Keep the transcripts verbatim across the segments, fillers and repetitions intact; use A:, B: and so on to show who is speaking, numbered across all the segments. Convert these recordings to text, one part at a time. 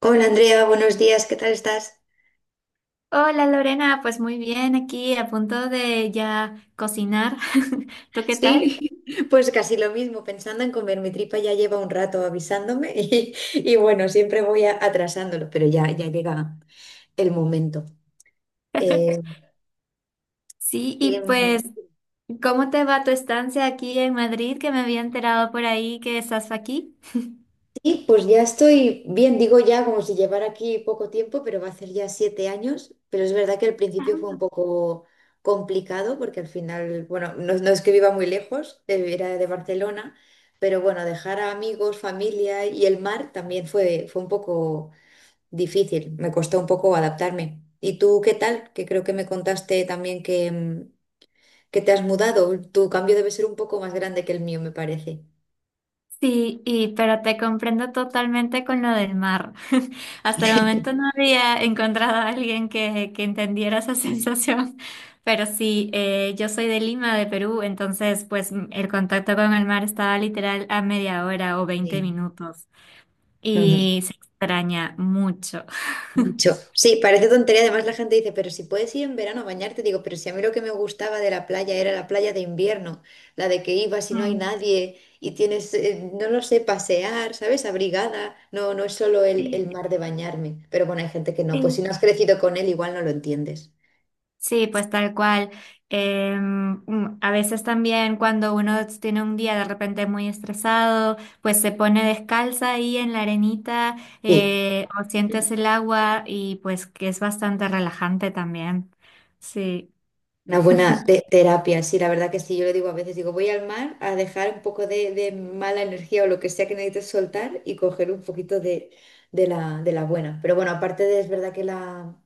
A: Hola Andrea, buenos días, ¿qué tal estás?
B: Hola Lorena, pues muy bien, aquí a punto de ya cocinar. ¿Tú qué tal?
A: Sí. Pues casi lo mismo, pensando en comer mi tripa ya lleva un rato avisándome. y, y bueno, siempre voy a- atrasándolo, pero ya, ya llega el momento. Eh,
B: Sí,
A: ¿qué,
B: y pues, ¿cómo te va tu estancia aquí en Madrid? Que me había enterado por ahí que estás aquí.
A: Y pues ya estoy bien, digo ya como si llevara aquí poco tiempo, pero va a hacer ya siete años. Pero es verdad que al principio fue un poco complicado porque al final, bueno, no, no es que viva muy lejos, eh, era de Barcelona, pero bueno, dejar a amigos, familia y el mar también fue, fue un poco difícil, me costó un poco adaptarme. ¿Y tú qué tal? Que creo que me contaste también que, mm, que te has mudado. Tu cambio debe ser un poco más grande que el mío, me parece.
B: Sí, y, pero te comprendo totalmente con lo del mar. Hasta el momento no había encontrado a alguien que, que entendiera esa sensación, pero sí, eh, yo soy de Lima, de Perú, entonces pues m- el contacto con el mar estaba literal a media hora o veinte
A: Sí.
B: minutos
A: Ujú.
B: y se extraña mucho.
A: Mucho. Sí, parece tontería. Además, la gente dice, pero si puedes ir en verano a bañarte, digo, pero si a mí lo que me gustaba de la playa era la playa de invierno, la de que ibas y no hay
B: Mm,
A: nadie y tienes, eh, no lo sé, pasear, ¿sabes? Abrigada. No, no es solo el, el
B: sí,
A: mar de bañarme. Pero bueno, hay gente que no. Pues si
B: sí.
A: no has crecido con él, igual no lo entiendes.
B: Sí, pues tal cual. Em, mm, a veces también cuando uno tiene un día de repente muy estresado, pues se pone descalza ahí en la arenita
A: Sí.
B: eh, o sientes el agua y pues que es bastante relajante también. Sí.
A: Una buena te- terapia, sí, la verdad que sí. Yo le digo a veces, digo, voy al mar a dejar un poco de, de mala energía o lo que sea que necesites soltar y coger un poquito de, de la, de la buena. Pero bueno, aparte de, es verdad que la,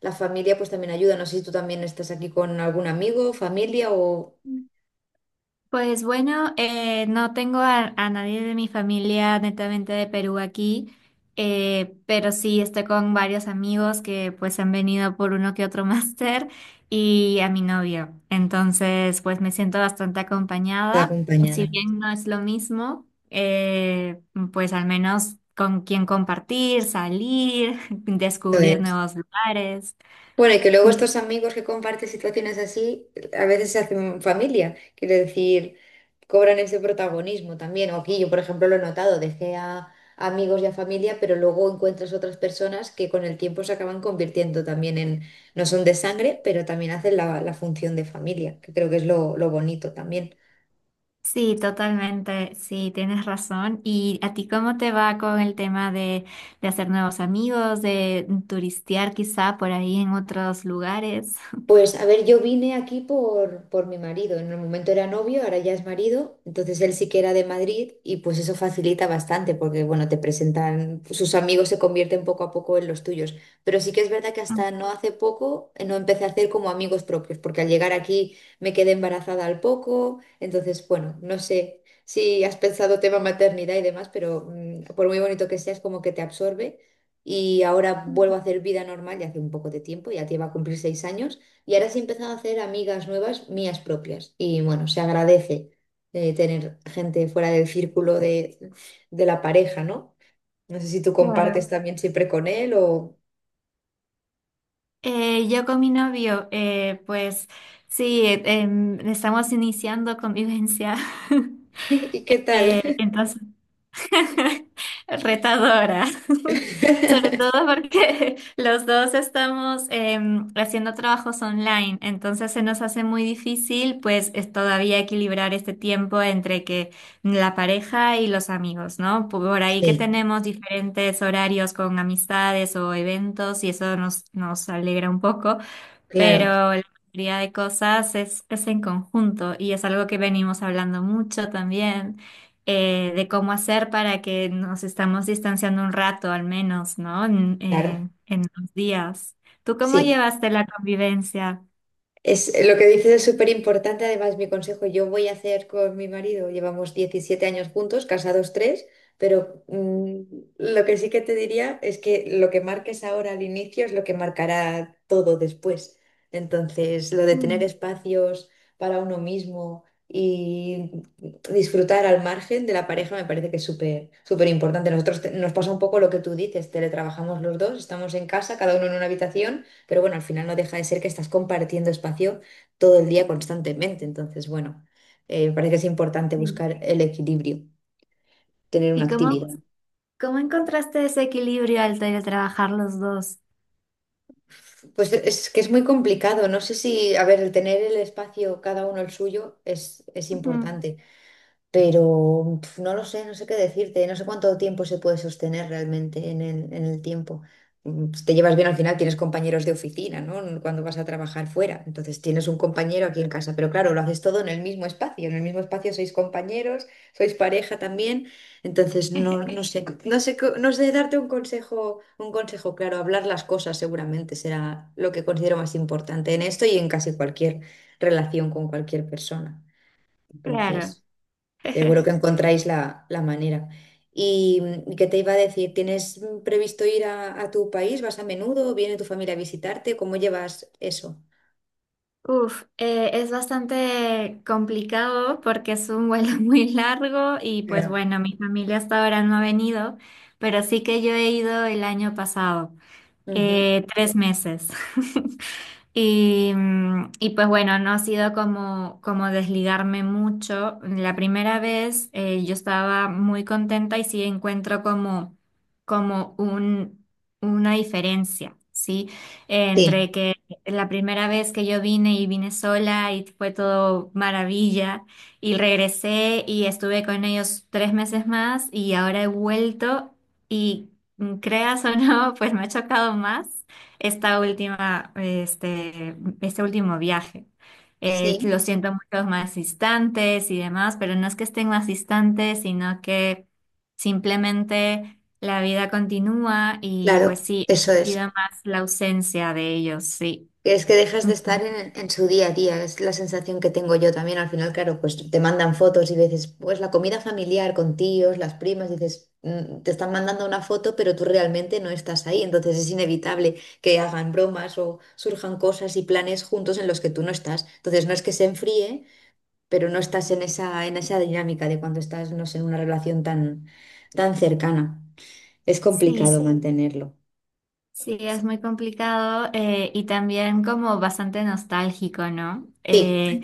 A: la familia pues también ayuda. No sé si tú también estás aquí con algún amigo, familia o
B: Pues bueno, eh, no tengo a, a nadie de mi familia netamente de Perú aquí, eh, pero sí estoy con varios amigos que pues han venido por uno que otro máster y a mi novio. Entonces pues me siento bastante
A: te
B: acompañada. Si
A: acompañada.
B: bien no es lo mismo, eh, pues al menos con quien compartir, salir, descubrir nuevos lugares.
A: Bueno, y que luego estos amigos que comparten situaciones así, a veces se hacen familia, quiero decir, cobran ese protagonismo también. O aquí yo, por ejemplo, lo he notado, dejé a amigos y a familia, pero luego encuentras otras personas que con el tiempo se acaban convirtiendo también en, no son de sangre, pero también hacen la, la función de familia, que creo que es lo, lo bonito también.
B: Sí, totalmente, sí, tienes razón. ¿Y a ti cómo te va con el tema de, de hacer nuevos amigos, de turistear quizá por ahí en otros lugares?
A: Pues a ver, yo vine aquí por, por mi marido. En el momento era novio, ahora ya es marido. Entonces él sí que era de Madrid y pues eso facilita bastante porque, bueno, te presentan, sus amigos se convierten poco a poco en los tuyos. Pero sí que es verdad que
B: Mm,
A: hasta no hace poco, eh, no empecé a hacer como amigos propios porque al llegar aquí me quedé embarazada al poco. Entonces, bueno, no sé si has pensado tema maternidad y demás, pero mm, por muy bonito que seas, como que te absorbe. Y ahora vuelvo a hacer vida normal ya hace un poco de tiempo, ya te iba a cumplir seis años. Y ahora sí he empezado a hacer amigas nuevas, mías propias. Y bueno, se agradece, eh, tener gente fuera del círculo de, de la pareja, ¿no? No sé si tú compartes
B: claro.
A: también siempre con él o.
B: Eh, yo con mi novio, eh, pues sí, eh, em, estamos iniciando convivencia.
A: ¿Y qué tal?
B: Eh, entonces retadora. Sobre todo porque los dos estamos em, haciendo trabajos online, entonces se nos hace muy difícil pues es todavía equilibrar este tiempo entre que la pareja y los amigos, ¿no? Por ahí que
A: Sí,
B: tenemos diferentes horarios con amistades o eventos y eso nos, nos alegra un poco,
A: claro,
B: pero la mayoría de cosas es, es en conjunto y es algo que venimos hablando mucho también, eh, de cómo hacer para que nos estamos distanciando un rato al menos, ¿no? En,
A: claro.
B: en, en los días. ¿Tú cómo
A: Sí,
B: llevaste la convivencia?
A: es lo que dices es súper importante, además mi consejo, yo voy a hacer con mi marido, llevamos diecisiete años juntos, casados tres, pero mm, lo que sí que te diría es que lo que marques ahora al inicio es lo que marcará todo después. Entonces, lo de tener
B: Mm,
A: espacios para uno mismo y disfrutar al margen de la pareja me parece que es súper, súper importante. Nosotros te- nos pasa un poco lo que tú dices, teletrabajamos los dos, estamos en casa, cada uno en una habitación. Pero bueno, al final no deja de ser que estás compartiendo espacio todo el día constantemente. Entonces, bueno, eh, me parece que es importante
B: sí.
A: buscar el equilibrio, tener una
B: ¿Y cómo,
A: actividad.
B: cómo encontraste ese equilibrio al tra- trabajar los dos?
A: Pues es que es muy complicado. No sé si, a ver, el tener el espacio, cada uno el suyo, es, es
B: Ujú,
A: importante. Pero pf, no lo sé, no sé qué decirte, no sé cuánto tiempo se puede sostener realmente en el, en el tiempo. Mm, Si te llevas bien, al final, tienes compañeros de oficina, ¿no? Cuando vas a trabajar fuera. Entonces tienes un compañero aquí en casa, pero claro, lo haces todo en el mismo espacio. En el mismo espacio sois compañeros, sois pareja también. Entonces no, no sé, no sé, co- no sé darte un consejo, un consejo claro. Hablar las cosas seguramente será lo que considero más importante en esto y en casi cualquier relación con cualquier persona.
B: claro.
A: Entonces. Seguro que encontráis la, la manera. ¿Y mm, qué te iba a decir? ¿Tienes mm, previsto ir a, a tu país? ¿Vas a menudo? ¿Viene tu familia a visitarte? ¿Cómo llevas eso?
B: Uf, eh, es bastante complicado porque es un vuelo muy largo y pues
A: Claro.
B: bueno, mi familia hasta ahora no ha venido, pero sí que yo he ido el año pasado.
A: Ujú.
B: Eh, tres meses. Y, mm, y pues bueno, no ha sido como, como desligarme mucho. La primera vez eh, yo estaba muy contenta y sí encuentro como, como un, una diferencia, ¿sí? Eh,
A: Sí,
B: Entre que la primera vez que yo vine y vine sola y fue todo maravilla y regresé y estuve con ellos tres meses más y ahora he vuelto. Y Mm, Creas o no, pues me ha chocado más esta última, este, este último viaje. Eh,
A: sí,
B: lo siento mucho más distantes y demás, pero no es que estén más distantes, sino que simplemente la vida continúa y pues
A: claro,
B: sí, he
A: eso
B: sentido
A: es.
B: más la ausencia de ellos, sí.
A: Es que dejas de
B: Ujú.
A: estar en, en su día a día, es la sensación que tengo yo también. Al final, claro, pues te mandan fotos y veces, pues la comida familiar con tíos, las primas, dices, mm, te están mandando una foto, pero tú realmente no estás ahí. Entonces es inevitable que hagan bromas o surjan cosas y planes juntos en los que tú no estás. Entonces no es que se enfríe, pero no estás en esa, en esa dinámica de cuando estás, no sé, en una relación tan, tan cercana. Es
B: Sí,
A: complicado, sí, mantenerlo.
B: sí, es muy complicado eh, y también como bastante nostálgico, ¿no?
A: Sí,
B: Eh,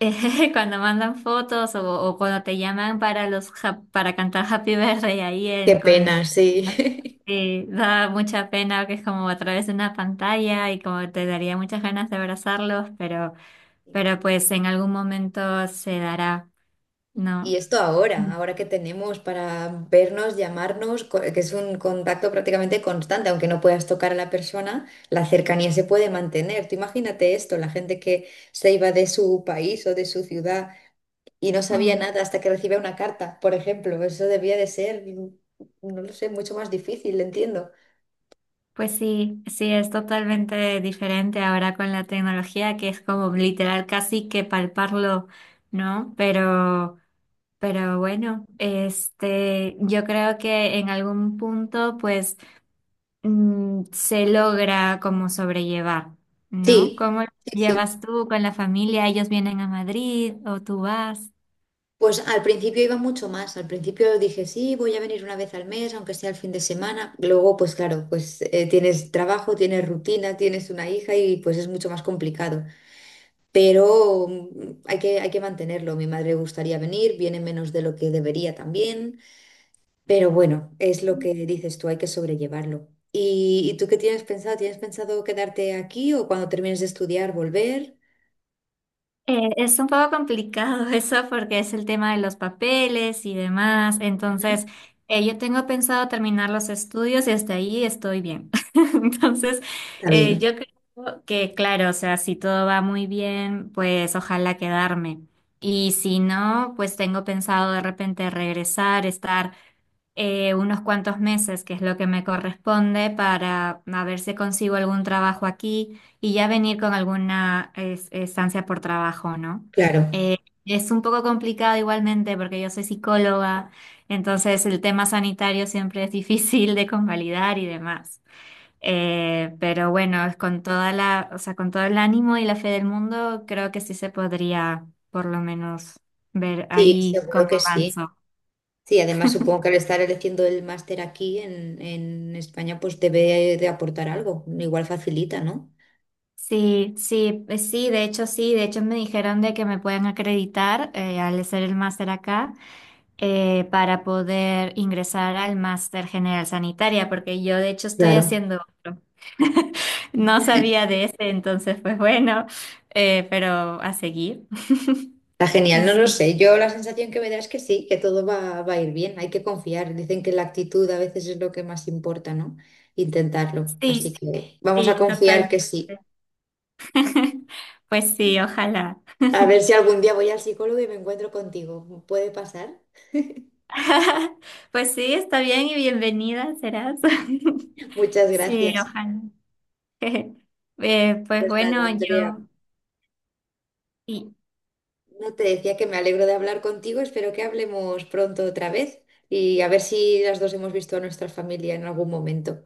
B: cuando mandan fotos o, o cuando te llaman para los ja- para cantar Happy Birthday ahí
A: qué
B: en- con
A: pena, sí.
B: eh, da mucha pena que es como a través de una pantalla y como te daría muchas ganas de abrazarlos, pero pero pues en algún momento se dará,
A: Y
B: ¿no?
A: esto
B: Mm.
A: ahora, ahora que tenemos para vernos, llamarnos, co- que es un contacto prácticamente constante, aunque no puedas tocar a la persona, la cercanía se puede mantener. Tú imagínate esto, la gente que se iba de su país o de su ciudad y no sabía
B: Mm.
A: nada hasta que recibía una carta, por ejemplo. Eso debía de ser, mm, no lo sé, mucho más difícil, entiendo.
B: Pues sí, sí, es totalmente diferente ahora con la tecnología que es como literal casi que palparlo, ¿no? Pero Pero bueno, este, yo creo que en algún punto, pues, mm, se logra como sobrellevar, ¿no?
A: Sí,
B: ¿Cómo lo
A: sí, sí.
B: llevas tú con la familia? ¿Ellos vienen a Madrid o tú vas?
A: Pues al principio iba mucho más, al principio dije, sí, voy a venir una vez al mes, aunque sea el fin de semana. Luego, pues claro, pues eh, tienes trabajo, tienes rutina, tienes una hija y pues es mucho más complicado. Pero mm, hay que, hay que mantenerlo. Mi madre le gustaría venir, viene menos de lo que debería también, pero bueno, es lo que dices tú, hay que sobrellevarlo. ¿Y, y tú qué tienes pensado? ¿Tienes pensado quedarte aquí o cuando termines de estudiar volver?
B: Eh, es un poco complicado eso porque es el tema de los papeles y demás.
A: Ujú.
B: Entonces, eh, yo tengo pensado terminar los estudios y hasta ahí estoy bien. Entonces,
A: Está
B: eh,
A: bien,
B: yo creo que, claro, o sea, si todo va muy bien, pues ojalá quedarme. Y si no, pues tengo pensado de repente regresar, estar eh, unos cuantos meses, que es lo que me corresponde, para a ver si consigo algún trabajo aquí y ya venir con alguna es- estancia por trabajo, ¿no?
A: claro.
B: Eh, es un poco complicado igualmente porque yo soy psicóloga, entonces el tema sanitario siempre es difícil de convalidar y demás. Eh, pero bueno, es con toda la, o sea, con todo el ánimo y la fe del mundo, creo que sí se podría por lo menos ver
A: Sí,
B: ahí
A: seguro
B: cómo
A: que sí.
B: avanzo.
A: Sí, además supongo que al estar eligiendo el máster aquí en, en España, pues debe de aportar algo. Igual facilita, ¿no?
B: Sí, sí, eh, sí, de hecho sí, de hecho me dijeron de que me pueden acreditar eh, al hacer el máster acá eh, para poder ingresar al máster general sanitaria, porque yo de hecho estoy
A: Claro.
B: haciendo otro. No sabía de ese, entonces pues bueno, eh, pero a seguir.
A: Está
B: Y
A: genial, no
B: sí,
A: lo sé. Yo la sensación que me da es que sí, que todo va, va a ir bien. Hay que confiar. Dicen que la actitud a veces es lo que más importa, ¿no? Intentarlo.
B: sí,
A: Así que vamos a
B: sí,
A: confiar
B: total.
A: que sí.
B: Pues sí, ojalá.
A: A ver si algún día voy al psicólogo y me encuentro contigo. ¿Puede pasar?
B: Pues sí, está bien y bienvenida serás.
A: Muchas
B: Sí,
A: gracias.
B: ojalá. Eh, pues
A: Pues nada,
B: bueno,
A: Andrea.
B: yo y,
A: No te decía que me alegro de hablar contigo, espero que hablemos pronto otra vez y a ver si las dos hemos visto a nuestra familia en algún momento.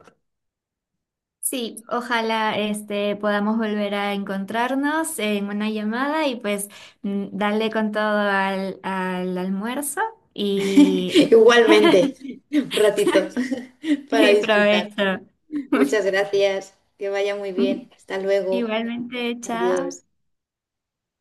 B: sí, ojalá este podamos volver a encontrarnos en una llamada y pues mm, darle con todo al, al almuerzo y,
A: Igualmente. Un ratito para
B: y
A: disfrutar.
B: provecho.
A: Muchas gracias, que vaya muy bien. Hasta luego.
B: Igualmente, chao.
A: Adiós.